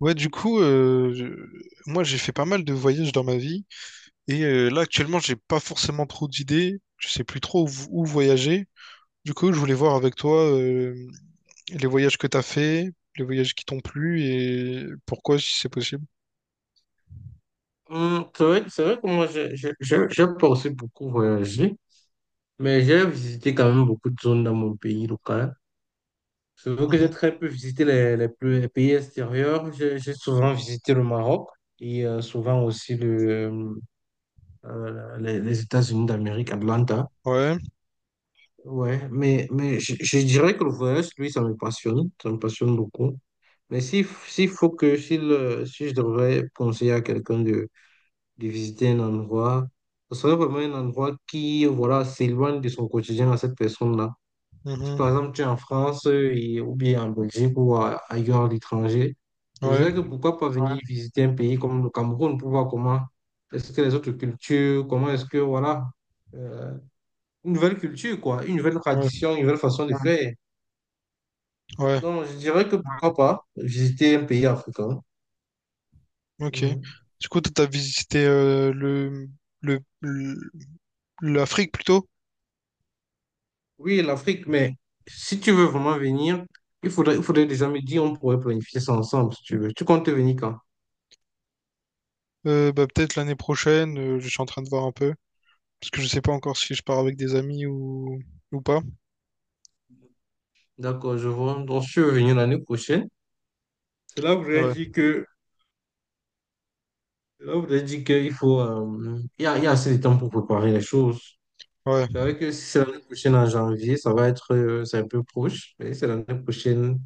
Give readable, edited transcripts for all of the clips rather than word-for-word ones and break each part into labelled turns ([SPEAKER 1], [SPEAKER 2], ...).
[SPEAKER 1] Ouais, du coup, moi j'ai fait pas mal de voyages dans ma vie et là actuellement j'ai pas forcément trop d'idées, je sais plus trop où voyager. Du coup, je voulais voir avec toi les voyages que t'as fait, les voyages qui t'ont plu et pourquoi si c'est possible.
[SPEAKER 2] C'est vrai, c'est vrai que moi, j'ai pas aussi beaucoup voyagé, mais j'ai visité quand même beaucoup de zones dans mon pays local. C'est vrai que j'ai
[SPEAKER 1] Mhm.
[SPEAKER 2] très peu visité les pays extérieurs. J'ai souvent visité le Maroc et souvent aussi les États-Unis d'Amérique, Atlanta.
[SPEAKER 1] Ouais,
[SPEAKER 2] Ouais, mais je dirais que le voyage, lui, ça me passionne. Ça me passionne beaucoup. Mais s'il s'il faut que, s'il, si je devrais conseiller à quelqu'un de visiter un endroit, ce serait vraiment un endroit qui, voilà, s'éloigne de son quotidien à cette personne-là. Si par
[SPEAKER 1] mhm.
[SPEAKER 2] exemple tu es en France ou bien en Belgique ailleurs à l'étranger, je
[SPEAKER 1] Ouais,
[SPEAKER 2] dirais que pourquoi pas, ouais, venir, ouais, visiter un pays comme le Cameroun pour voir comment est-ce que les autres cultures, comment est-ce que, voilà, euh, une nouvelle culture, quoi, une nouvelle
[SPEAKER 1] ouais,
[SPEAKER 2] tradition, une nouvelle façon de, ouais, faire.
[SPEAKER 1] ouais,
[SPEAKER 2] Donc, je dirais que, ouais, pourquoi pas visiter un pays africain.
[SPEAKER 1] ok.
[SPEAKER 2] Mhm.
[SPEAKER 1] Du coup, toi, t'as visité le, le- l'Afrique plutôt?
[SPEAKER 2] Oui, l'Afrique, mais si tu veux vraiment venir, il faudrait déjà me dire, on pourrait planifier ça ensemble, si tu veux. Tu comptes venir quand?
[SPEAKER 1] Peut-être l'année prochaine, je suis en train de voir un peu. Parce que je sais pas encore si je pars avec des amis ou pas.
[SPEAKER 2] D'accord, je vois. Donc, si tu veux venir l'année prochaine, c'est là où je
[SPEAKER 1] Ouais,
[SPEAKER 2] dit que, là où je dit qu'il faut, il y a assez de temps pour préparer les choses.
[SPEAKER 1] ouais,
[SPEAKER 2] Je savais que si c'est l'année prochaine en janvier, c'est un peu proche, mais si c'est l'année prochaine,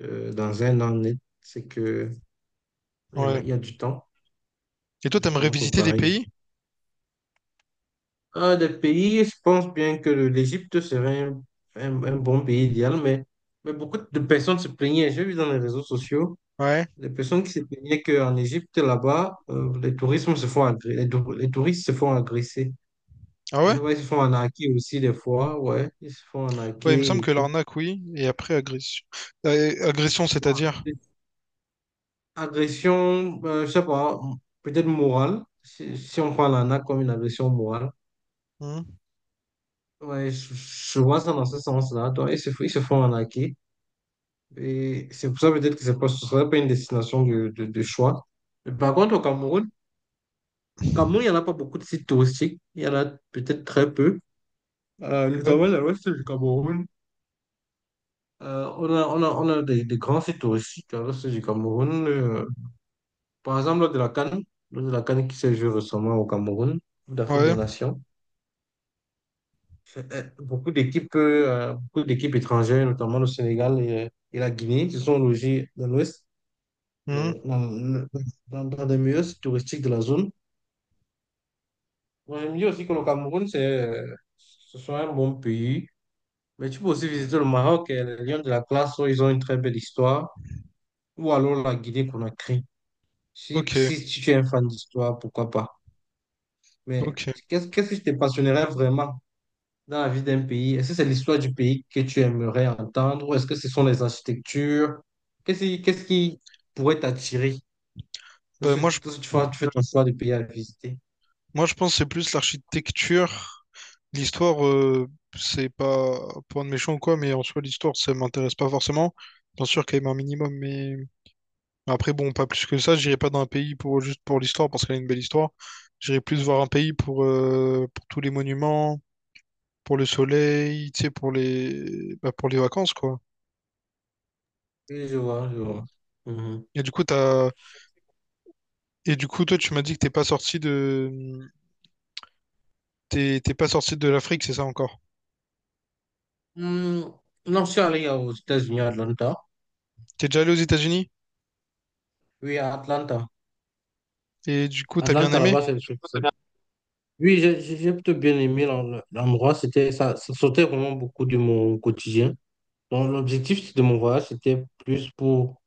[SPEAKER 2] dans un an net,
[SPEAKER 1] ouais.
[SPEAKER 2] il y a du temps,
[SPEAKER 1] Et toi, t'aimerais
[SPEAKER 2] pour
[SPEAKER 1] visiter des
[SPEAKER 2] préparer.
[SPEAKER 1] pays?
[SPEAKER 2] Un des pays, je pense bien que l'Égypte serait un, un bon pays idéal, mais beaucoup de personnes se plaignaient. J'ai vu dans les réseaux sociaux
[SPEAKER 1] Ouais.
[SPEAKER 2] des personnes qui se plaignaient qu'en Égypte, là-bas, les touristes se font agresser.
[SPEAKER 1] Ah
[SPEAKER 2] Et
[SPEAKER 1] ouais?
[SPEAKER 2] ça, va ils se font arnaquer aussi des fois, ouais, ils se font
[SPEAKER 1] Ouais, il me
[SPEAKER 2] arnaquer
[SPEAKER 1] semble
[SPEAKER 2] et
[SPEAKER 1] que
[SPEAKER 2] tout.
[SPEAKER 1] l'arnaque, oui. Et après, agression. Agression,
[SPEAKER 2] Bon,
[SPEAKER 1] c'est-à-dire?
[SPEAKER 2] agression, je sais pas, peut-être morale, si on prend l'arnaque comme une agression morale.
[SPEAKER 1] Hmm.
[SPEAKER 2] Ouais, je vois ça dans ce sens-là. Donc, ils se font arnaquer. Et c'est pour ça peut-être que c'est pas, ce ne serait pas une destination de choix. Mais par contre, au Cameroun, il n'y en a pas beaucoup de sites touristiques. Il y en a peut-être très peu. Euh,
[SPEAKER 1] Ouais.
[SPEAKER 2] notamment dans l'ouest du Cameroun. On a des grands sites touristiques dans l'ouest du Cameroun. Par exemple, lors de la CAN, lors de la CAN qui s'est jouée récemment au Cameroun, Coupe d'Afrique des
[SPEAKER 1] Ouais.
[SPEAKER 2] Nations. Beaucoup d'équipes étrangères, notamment le Sénégal et la Guinée, se sont logées dans l'ouest,
[SPEAKER 1] Hmm.
[SPEAKER 2] euh, dans, dans des meilleurs sites touristiques de la zone. Bon, je me dis aussi que le Cameroun, ce sont un bon pays. Mais tu peux aussi visiter le Maroc et les Lions de la classe. Oh, ils ont une très belle histoire. Ou alors la Guinée-Conakry. Si,
[SPEAKER 1] Ok.
[SPEAKER 2] si tu es un fan d'histoire, pourquoi pas. Mais
[SPEAKER 1] Ok.
[SPEAKER 2] qu'est-ce qui te passionnerait vraiment dans la vie d'un pays? Est-ce que c'est l'histoire du pays que tu aimerais entendre? Ou est-ce que ce sont les architectures? Qu'est-ce qui pourrait t'attirer?
[SPEAKER 1] Bah,
[SPEAKER 2] Lorsque,
[SPEAKER 1] moi, je,
[SPEAKER 2] lorsque tu fais ton choix de pays à visiter.
[SPEAKER 1] moi, je pense que c'est plus l'architecture. L'histoire, c'est pas pour de méchant ou quoi, mais en soi, l'histoire, ça m'intéresse pas forcément. Bien sûr, quand même un minimum, mais. Après, bon, pas plus que ça, j'irai pas dans un pays pour juste pour l'histoire, parce qu'elle a une belle histoire. J'irai plus voir un pays pour tous les monuments, pour le soleil, tu sais, pour les bah, pour les vacances, quoi.
[SPEAKER 2] Oui, je vois, je vois. Mhm.
[SPEAKER 1] Et du coup, t'as... Et du coup, toi, tu m'as dit que t'es pas sorti de l'Afrique, c'est ça encore?
[SPEAKER 2] Hmm, Non, je suis allé aux États-Unis, à Atlanta.
[SPEAKER 1] T'es déjà allé aux États-Unis?
[SPEAKER 2] Oui, à Atlanta.
[SPEAKER 1] Et du coup, t'as bien
[SPEAKER 2] Atlanta,
[SPEAKER 1] aimé?
[SPEAKER 2] là-bas, c'est le truc. Oui, j'ai plutôt bien aimé l'endroit. Ça sortait vraiment beaucoup de mon quotidien. Donc, l'objectif de mon voyage, c'était plus pour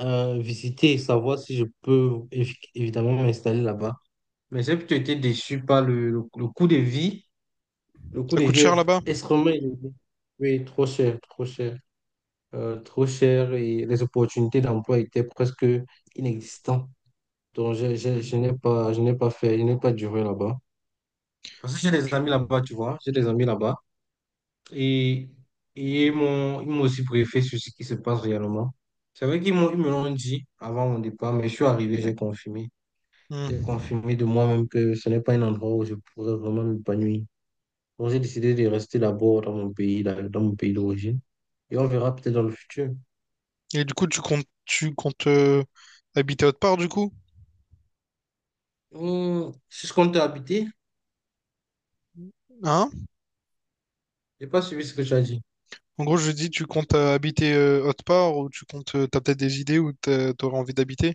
[SPEAKER 2] visiter et savoir si je peux évidemment m'installer là-bas. Mais j'ai plutôt été déçu par le coût de vie. Le coût
[SPEAKER 1] Ça
[SPEAKER 2] de
[SPEAKER 1] coûte
[SPEAKER 2] vie est
[SPEAKER 1] cher là-bas?
[SPEAKER 2] extrêmement élevé. Oui, trop cher, trop cher. Trop cher et les opportunités d'emploi étaient presque inexistantes. Donc, je n'ai pas fait, je n'ai pas duré là-bas. Parce que j'ai des
[SPEAKER 1] Ok.
[SPEAKER 2] amis là-bas, tu vois. J'ai des amis là-bas. Et, et ils m'ont aussi briefé sur ce qui se passe réellement. C'est vrai qu'ils m'ont, ils me l'ont dit avant mon départ, mais je suis arrivé, j'ai confirmé. J'ai
[SPEAKER 1] Hmm.
[SPEAKER 2] confirmé de moi-même que ce n'est pas un endroit où je pourrais vraiment m'épanouir. Donc, j'ai décidé de rester d'abord dans mon pays, là, dans mon pays d'origine. Et on verra peut-être dans le futur.
[SPEAKER 1] Et du coup, tu comptes habiter autre part, du coup?
[SPEAKER 2] C'est ce qu'on t'a habité.
[SPEAKER 1] Hein?
[SPEAKER 2] J'ai pas suivi ce que tu as dit.
[SPEAKER 1] En gros, je dis, tu comptes habiter autre part ou tu comptes, t'as peut-être des idées où t'aurais envie d'habiter?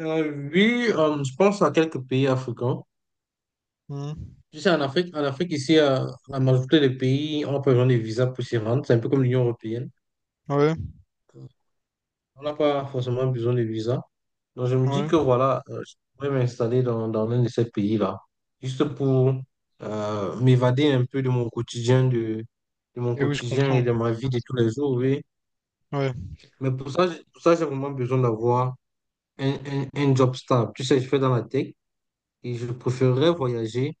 [SPEAKER 2] Oui, je pense à quelques pays africains.
[SPEAKER 1] Mhm.
[SPEAKER 2] Tu sais, en Afrique ici, la majorité des pays ont pas besoin de visa pour s'y rendre. C'est un peu comme l'Union européenne.
[SPEAKER 1] Ouais,
[SPEAKER 2] On n'a pas forcément besoin de visa. Donc, je me dis
[SPEAKER 1] ouais.
[SPEAKER 2] que voilà, je pourrais m'installer dans, l'un de ces pays-là, juste pour m'évader un peu de mon quotidien, de mon
[SPEAKER 1] Et oui, je
[SPEAKER 2] quotidien et
[SPEAKER 1] comprends.
[SPEAKER 2] de ma vie de tous les jours, oui.
[SPEAKER 1] Ouais.
[SPEAKER 2] Mais pour ça, j'ai vraiment besoin d'avoir un job stable. Tu sais, je fais dans la tech et je préférerais voyager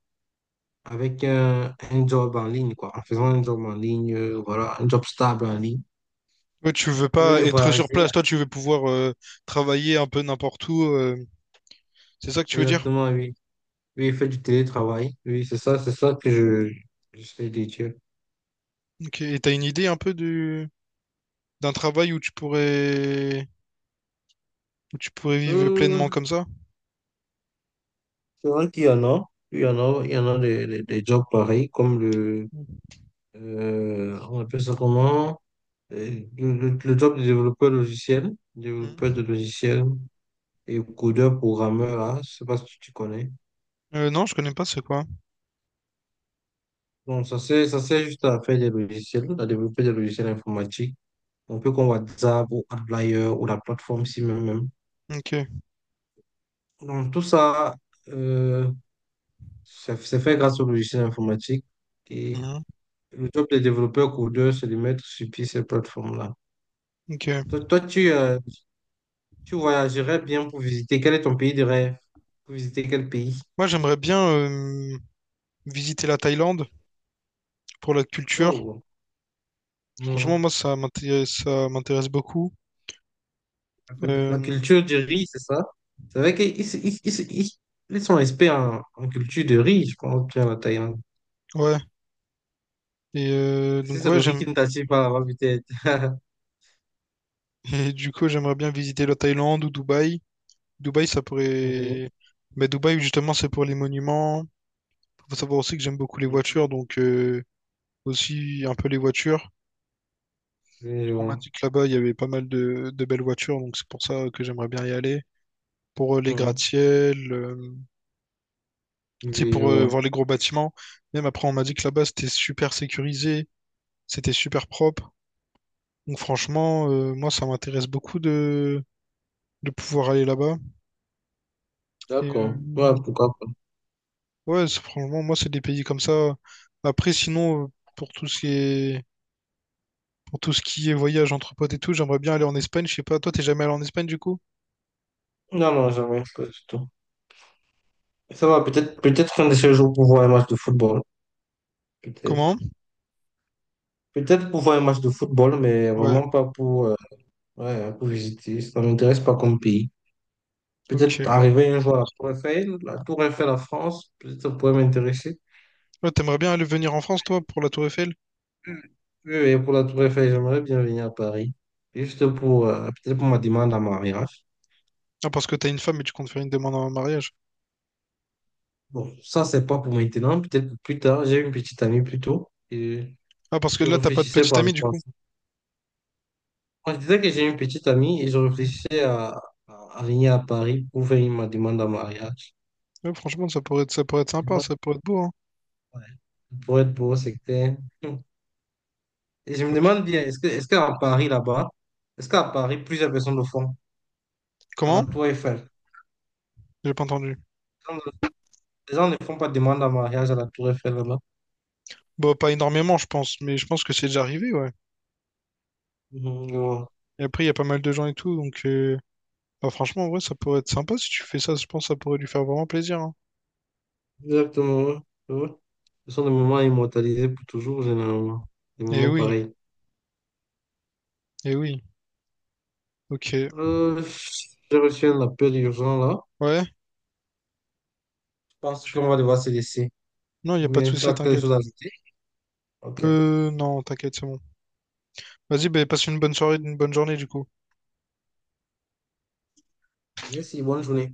[SPEAKER 2] avec un job en ligne, quoi, en faisant un job en ligne, voilà, un job stable en ligne.
[SPEAKER 1] Ouais, tu veux
[SPEAKER 2] Au lieu
[SPEAKER 1] pas
[SPEAKER 2] de
[SPEAKER 1] être sur
[SPEAKER 2] voyager,
[SPEAKER 1] place, toi, tu veux pouvoir travailler un peu n'importe où. Euh, c'est ça que tu veux dire?
[SPEAKER 2] exactement, oui. Oui, il fait du télétravail. Oui, c'est ça que j'essaie de dire.
[SPEAKER 1] Ok. Et t'as une idée un peu du d'un travail où tu pourrais vivre pleinement
[SPEAKER 2] Euh,
[SPEAKER 1] comme ça?
[SPEAKER 2] c'est vrai qu'il y en a. Il y en a des jobs pareils,
[SPEAKER 1] Mhm.
[SPEAKER 2] on appelle ça comment? Le job de développeur logiciel, développeur de logiciel et codeur programmeur, là, je sais pas si tu connais.
[SPEAKER 1] Non, je connais pas c'est quoi.
[SPEAKER 2] Donc, ça sert juste à faire des logiciels, à développer des logiciels informatiques. On peut comme WhatsApp ou Outlier ou la plateforme si même.
[SPEAKER 1] Ok.
[SPEAKER 2] Donc, tout ça, euh, c'est fait grâce au logiciel informatique. Et
[SPEAKER 1] Mhm.
[SPEAKER 2] le job des développeurs codeurs, c'est de mettre sur pied ces plateformes-là.
[SPEAKER 1] Ok.
[SPEAKER 2] Toi, tu voyagerais bien pour visiter. Quel est ton pays de rêve? Pour visiter quel pays?
[SPEAKER 1] Moi, j'aimerais bien visiter la Thaïlande pour la culture.
[SPEAKER 2] Oh,
[SPEAKER 1] Franchement,
[SPEAKER 2] non.
[SPEAKER 1] moi, ça m'intéresse beaucoup.
[SPEAKER 2] La
[SPEAKER 1] Euh,
[SPEAKER 2] culture du riz, c'est ça? C'est vrai qu'ils ils, ils- ils- ils sont experts en culture de riz, je pense, bien la Thaïlande.
[SPEAKER 1] ouais. Et
[SPEAKER 2] Si
[SPEAKER 1] donc,
[SPEAKER 2] c'est
[SPEAKER 1] ouais,
[SPEAKER 2] le riz
[SPEAKER 1] j'aime.
[SPEAKER 2] qui ne t'attire pas là-bas, peut-être.
[SPEAKER 1] Et du coup, j'aimerais bien visiter la Thaïlande ou Dubaï. Dubaï, ça
[SPEAKER 2] Oui,
[SPEAKER 1] pourrait. Mais Dubaï, justement, c'est pour les monuments. Faut savoir aussi que j'aime beaucoup les voitures, aussi un peu les voitures.
[SPEAKER 2] oui, je
[SPEAKER 1] On m'a
[SPEAKER 2] vois.
[SPEAKER 1] dit que là-bas, il y avait pas mal de belles voitures, donc c'est pour ça que j'aimerais bien y aller. Pour les
[SPEAKER 2] Hmm.
[SPEAKER 1] gratte-ciel, tu sais,
[SPEAKER 2] Oui, je
[SPEAKER 1] pour
[SPEAKER 2] vois.
[SPEAKER 1] voir les gros bâtiments. Même après, on m'a dit que là-bas, c'était super sécurisé, c'était super propre. Donc franchement, moi, ça m'intéresse beaucoup de pouvoir aller là-bas. Et
[SPEAKER 2] D'accord. Ouais, pourquoi pas.
[SPEAKER 1] franchement, moi, c'est des pays comme ça. Après, sinon, pour tout ce qui est, pour tout ce qui est voyage entre potes et tout, j'aimerais bien aller en Espagne. Je sais pas, toi, t'es jamais allé en Espagne du coup?
[SPEAKER 2] Non, non, jamais, pas du tout. Ça va, peut-être qu'un de ces jours pour voir un match de football. Peut-être.
[SPEAKER 1] Comment?
[SPEAKER 2] Peut-être pour voir un match de football, mais
[SPEAKER 1] Ouais,
[SPEAKER 2] vraiment pas pour, ouais, hein, pour visiter. Ça ne m'intéresse pas comme pays. Peut-être
[SPEAKER 1] ok.
[SPEAKER 2] arriver un jour à la Tour Eiffel à France, peut-être ça pourrait m'intéresser.
[SPEAKER 1] Ouais, t'aimerais bien aller venir en France, toi, pour la Tour Eiffel?
[SPEAKER 2] Oui, oui, pour la Tour Eiffel, j'aimerais bien venir à Paris. Juste pour, peut-être pour ma demande en mariage.
[SPEAKER 1] Ah, parce que t'as une femme et tu comptes faire une demande en mariage.
[SPEAKER 2] Bon, ça, c'est pas pour maintenant, peut-être pour plus tard. J'ai une petite amie plus tôt et
[SPEAKER 1] Ah, parce que
[SPEAKER 2] je
[SPEAKER 1] là, t'as pas de
[SPEAKER 2] réfléchissais
[SPEAKER 1] petite
[SPEAKER 2] par
[SPEAKER 1] amie, du
[SPEAKER 2] rapport à
[SPEAKER 1] coup.
[SPEAKER 2] ça. Moi, je disais que j'ai une petite amie et je
[SPEAKER 1] Mm.
[SPEAKER 2] réfléchissais à venir à Paris pour faire ma demande en mariage.
[SPEAKER 1] Ouais, franchement, ça pourrait être
[SPEAKER 2] Je me
[SPEAKER 1] sympa,
[SPEAKER 2] demande,
[SPEAKER 1] ça pourrait être beau, hein.
[SPEAKER 2] ouais. Pour être beau, c'est clair. Et je me
[SPEAKER 1] Ok.
[SPEAKER 2] demande bien, est-ce qu'à Paris, plusieurs personnes le font à la
[SPEAKER 1] Comment?
[SPEAKER 2] Tour Eiffel?
[SPEAKER 1] J'ai pas entendu.
[SPEAKER 2] Les gens les gens ne font pas de demande en mariage à la Tour Eiffel, là-bas.
[SPEAKER 1] Bah, pas énormément, je pense, mais je pense que c'est déjà arrivé, ouais.
[SPEAKER 2] Mhm, je vois.
[SPEAKER 1] Et après, il y a pas mal de gens et tout, franchement, ouais, ça pourrait être sympa si tu fais ça, je pense que ça pourrait lui faire vraiment plaisir, hein.
[SPEAKER 2] Exactement, ouais, je vois. Ce sont des moments immortalisés pour toujours, généralement. Des
[SPEAKER 1] Eh
[SPEAKER 2] moments
[SPEAKER 1] oui,
[SPEAKER 2] pareils.
[SPEAKER 1] eh oui, ok.
[SPEAKER 2] Euh, j'ai reçu un appel urgent, là.
[SPEAKER 1] Ouais,
[SPEAKER 2] Je pense
[SPEAKER 1] tu-
[SPEAKER 2] qu'on va devoir se laisser.
[SPEAKER 1] non, il n'y a
[SPEAKER 2] Ou
[SPEAKER 1] pas de
[SPEAKER 2] bien tu
[SPEAKER 1] souci,
[SPEAKER 2] as quelque
[SPEAKER 1] t'inquiète.
[SPEAKER 2] chose à ajouter? Ok.
[SPEAKER 1] Non, t'inquiète, c'est bon. Vas-y, bah, passe une bonne soirée, une bonne journée, du coup.
[SPEAKER 2] Merci, bonne journée.